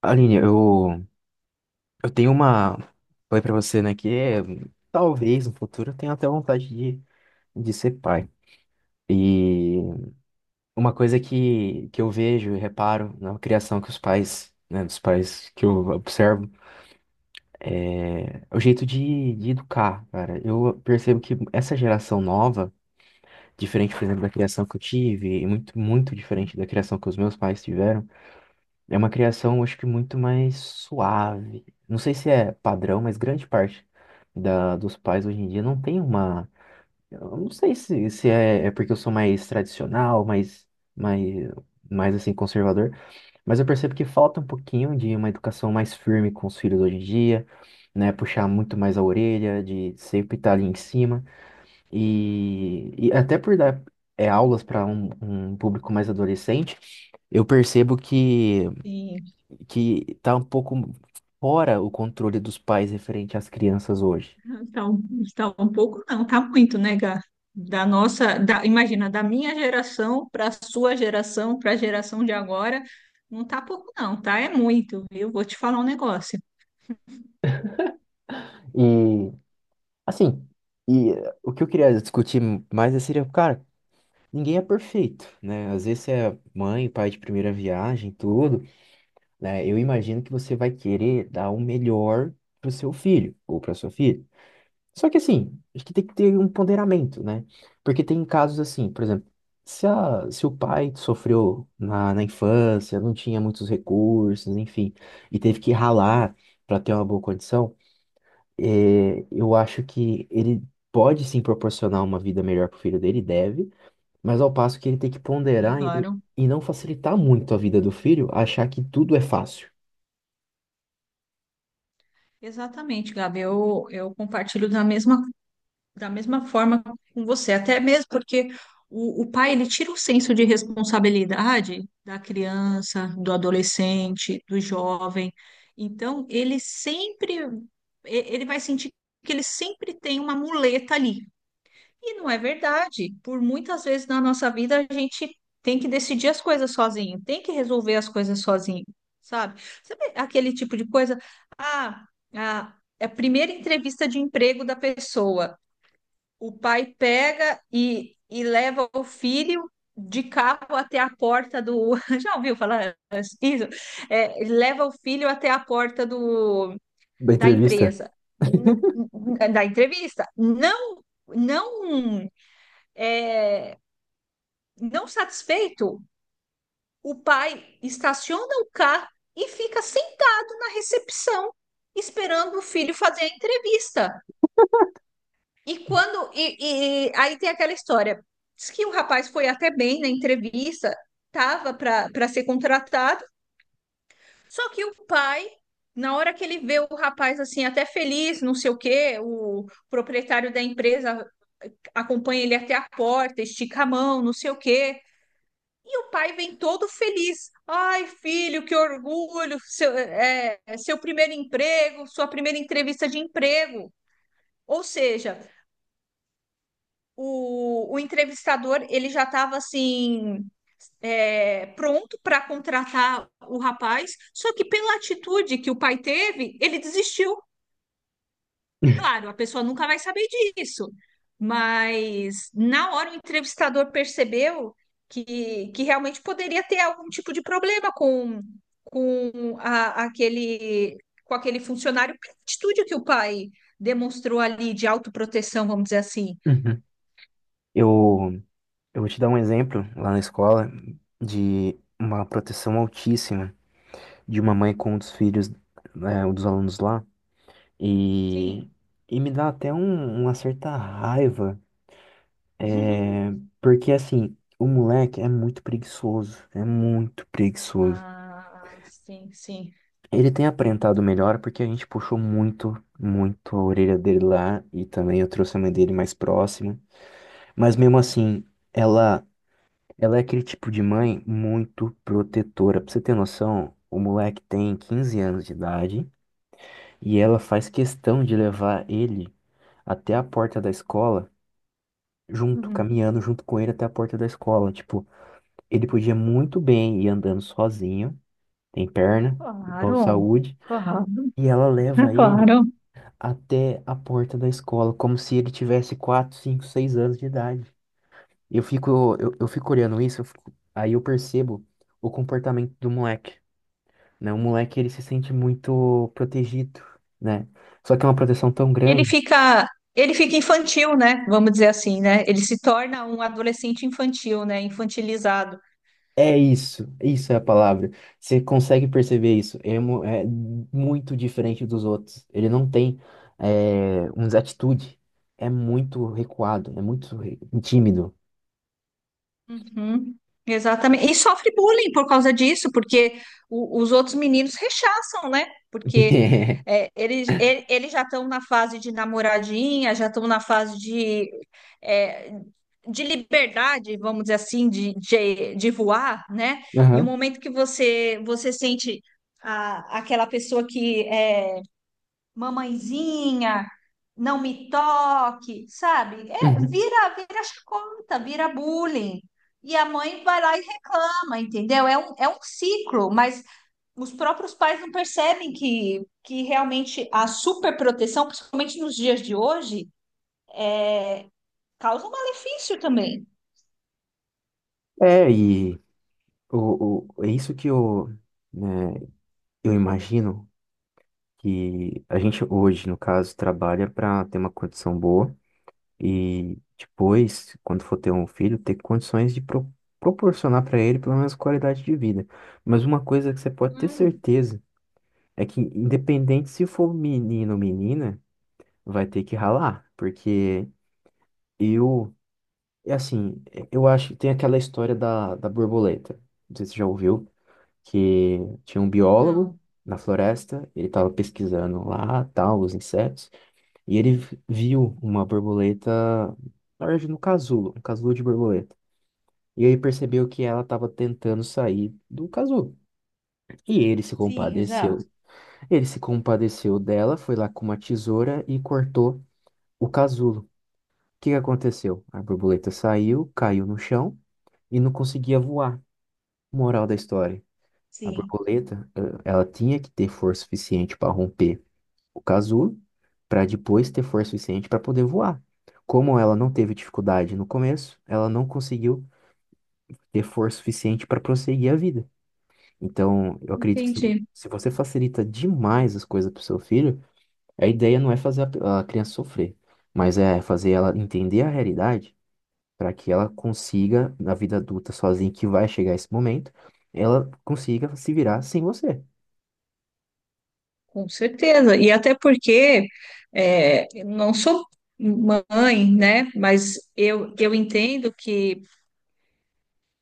Aline, eu tenho uma. Falei pra você, né, talvez no futuro eu tenha até vontade de ser pai. E uma coisa que eu vejo e reparo na criação que os pais, né, dos pais que eu observo, é o jeito de educar, cara. Eu percebo que essa geração nova, diferente, por exemplo, da criação que eu tive, e muito, muito Sim. diferente da criação que os meus pais tiveram. É uma criação, acho que muito mais suave. Não sei se é padrão, mas grande parte dos pais hoje em dia não tem uma. Eu não sei se é, é porque eu sou mais tradicional, mais, mais assim, conservador, mas eu percebo que falta um pouquinho de uma educação mais firme com os filhos hoje em dia, né? Puxar muito mais a orelha, de sempre estar ali em cima. E até por dar aulas para um público mais adolescente, eu percebo Sim. que tá um pouco fora o controle dos pais referente às crianças hoje. Tá, um- tá um pouco, não, tá muito, né, Gá? Imagina, da minha geração para a sua geração, para a geração de agora, não tá pouco, não, tá? É muito, viu? Vou te falar um negócio. E, assim, o que eu queria discutir mais seria, cara, ninguém é perfeito, né? Às vezes você é mãe, pai de primeira viagem, tudo, né? Eu imagino que você vai querer dar o melhor pro seu filho ou pra sua filha. Só que assim, acho que tem que ter um ponderamento, né? Porque tem casos assim, por exemplo, se o pai sofreu na infância, não tinha muitos recursos, enfim, e teve que ralar para ter uma boa condição, eu acho que ele pode sim proporcionar uma vida melhor pro filho dele, deve, mas ao passo que ele tem que Sim, ponderar claro. e não facilitar muito a vida do filho, achar que tudo é fácil. Exatamente, Gabi, eu compartilho da mesma forma com você, até mesmo porque o pai ele tira o senso de responsabilidade da criança, do adolescente, do jovem. Então, ele vai sentir que ele sempre tem uma muleta ali. E não é verdade. Por muitas vezes na nossa vida a gente tem que decidir as coisas sozinho, tem que resolver as coisas sozinho, sabe? Sabe aquele tipo de coisa? Ah, ah, é a primeira entrevista de emprego da pessoa, o pai pega e leva o filho de carro até a porta do. Já ouviu falar isso? É, leva o filho até a porta do, Da da entrevista. empresa, da entrevista. Não, não, é, não satisfeito, o pai estaciona o carro e fica sentado na recepção, esperando o filho fazer a entrevista. E quando. Aí tem aquela história. Diz que o rapaz foi até bem na entrevista, tava para ser contratado, só que o pai, na hora que ele vê o rapaz assim, até feliz, não sei o quê, o proprietário da empresa acompanha ele até a porta, estica a mão, não sei o quê. E o pai vem todo feliz. Ai, filho, que orgulho! Seu primeiro emprego, sua primeira entrevista de emprego. Ou seja, o entrevistador ele já estava assim pronto para contratar o rapaz, só que pela atitude que o pai teve, ele desistiu. Claro, a pessoa nunca vai saber disso, mas na hora o entrevistador percebeu que realmente poderia ter algum tipo de problema com, aquele com aquele funcionário pela atitude que o pai demonstrou ali de autoproteção, vamos dizer assim. Uhum. Eu Eu vou te dar um exemplo lá na escola de uma proteção altíssima de uma mãe com um dos filhos, é, um dos alunos lá, e, Sim. e me dá até um- uma certa raiva, é, porque assim, o moleque é muito preguiçoso, é muito preguiçoso. Ah, sim, sim. Ele tem aparentado melhor porque a gente puxou muito, muito a orelha dele lá, e também eu trouxe a mãe dele mais próxima, mas mesmo assim, ela. Ela é aquele tipo de mãe muito protetora. Pra você ter noção, o moleque tem 15 anos de idade e ela faz questão de levar ele até a porta da escola, junto, Uhum. caminhando junto com ele até a porta da escola. Tipo, ele podia muito bem ir andando sozinho, tem perna, boa Claro, saúde, claro, e ela leva ele claro. até a porta da escola, como se ele tivesse 4, 5, 6 anos de idade. Eu fico olhando isso, eu fico- aí eu percebo o comportamento do moleque. Né? O moleque, ele se sente muito protegido, né? Só que é uma proteção tão Ele grande. fica, ele fica infantil, né? Vamos dizer assim, né? Ele se torna um adolescente infantil, né? Infantilizado. É isso, isso é a palavra. Você consegue perceber isso. É muito diferente dos outros. Ele não tem é, uma atitude. É muito recuado, é muito re- tímido. Uhum, exatamente. E sofre bullying por causa disso, porque os outros meninos rechaçam, né? Porque é, eles já estão na fase de namoradinha, já estão na fase de, é, de liberdade, vamos dizer assim, de voar, né? E o Aham, momento que você sente aquela pessoa que é, mamãezinha, não me toque, sabe? É, uhum. Vira chacota, vira bullying. E a mãe vai lá e reclama, entendeu? É um ciclo, mas os próprios pais não percebem que realmente a superproteção, principalmente nos dias de hoje, causa um malefício também. É, o, é isso que eu, né, eu imagino que a gente hoje, no caso, trabalha para ter uma condição boa. E depois, quando for ter um filho, ter condições de pro- proporcionar para ele pelo menos qualidade de vida. Mas uma coisa que você pode ter Claro, certeza é que, independente se for menino ou menina, vai ter que ralar. Porque eu, é assim, eu acho que tem aquela história da borboleta. Não sei se você já ouviu, que tinha um biólogo não. na floresta, ele estava pesquisando lá, tal, os insetos. E ele v- viu uma borboleta, na verdade, no casulo, um casulo de borboleta. E ele percebeu que ela estava tentando sair do casulo. E ele se Sim, exato. compadeceu. Ele se compadeceu dela, foi lá com uma tesoura e cortou o casulo. O que que aconteceu? A borboleta saiu, caiu no chão e não conseguia voar. Moral da história: a Sim. borboleta, ela tinha que ter força suficiente para romper o casulo para depois ter força suficiente para poder voar. Como ela não teve dificuldade no começo, ela não conseguiu ter força suficiente para prosseguir a vida. Então, eu acredito que Entendi. se você facilita demais as coisas para seu filho, a ideia não é fazer a pe- a criança sofrer, mas é fazer ela entender a realidade para que ela consiga, na vida adulta sozinha, que vai chegar esse momento, ela consiga se virar sem você. Com certeza. E até porque é, eu não sou mãe, né? Mas eu entendo que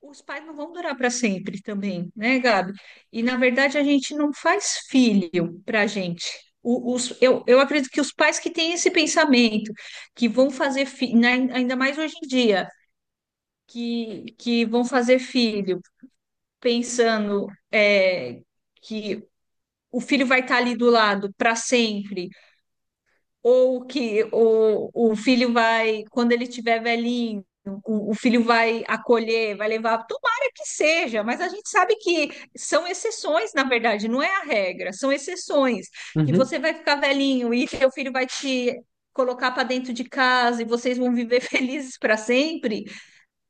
os pais não vão durar para sempre também, né, Gabi? E na verdade a gente não faz filho para a gente. Eu acredito que os pais que têm esse pensamento, que vão fazer filho, ainda mais hoje em dia, que vão fazer filho pensando é, que o filho vai estar ali do lado para sempre ou que o filho vai, quando ele tiver velhinho, o filho vai acolher, vai levar, tomara que seja, mas a gente sabe que são exceções, na verdade, não é a regra, são exceções, que Uhum, você vai ficar velhinho e seu filho vai te colocar para dentro de casa e vocês vão viver felizes para sempre.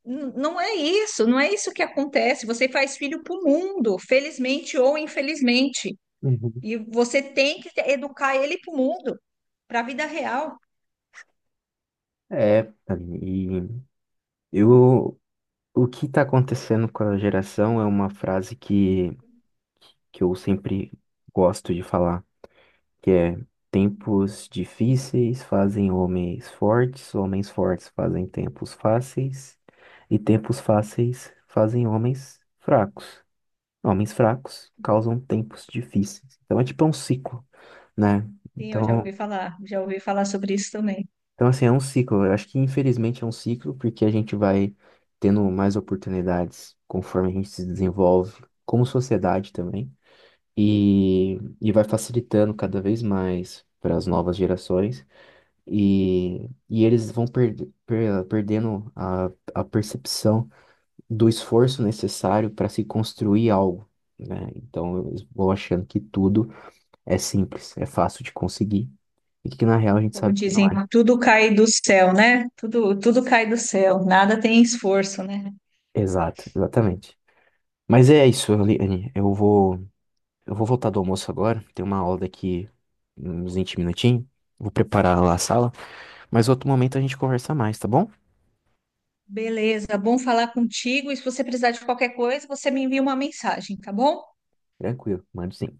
Não é isso, não é isso que acontece. Você faz filho para o mundo, felizmente ou infelizmente, uhum. e você tem que educar ele para o mundo, para a vida real. É, Aline, e eu o que está acontecendo com a geração é uma frase que eu sempre gosto de falar, que é: tempos difíceis fazem homens fortes fazem tempos fáceis, e tempos fáceis fazem homens fracos. Homens fracos causam tempos difíceis. Então é tipo um ciclo, né? Sim, eu Então já ouvi falar sobre isso também. Então, assim, é um ciclo. Eu acho que, infelizmente, é um ciclo, porque a gente vai tendo mais oportunidades conforme a gente se desenvolve, como sociedade também, e, e vai facilitando cada vez mais para as novas gerações, e eles vão perde- per- perdendo a percepção do esforço necessário para se construir algo, né? Então, eu vou achando que tudo é simples, é fácil de conseguir, e que, na real, a gente Como sabe que não dizem, é. tudo cai do céu, né? Tudo, tudo cai do céu, nada tem esforço, né? Exato, exatamente. Mas é isso, Eliane. Eu vou voltar do almoço agora. Tem uma aula daqui uns 20 minutinhos. Vou preparar lá a sala. Mas outro momento a gente conversa mais, tá bom? Beleza, bom falar contigo. E se você precisar de qualquer coisa, você me envia uma mensagem, tá bom? Tranquilo, mando sim.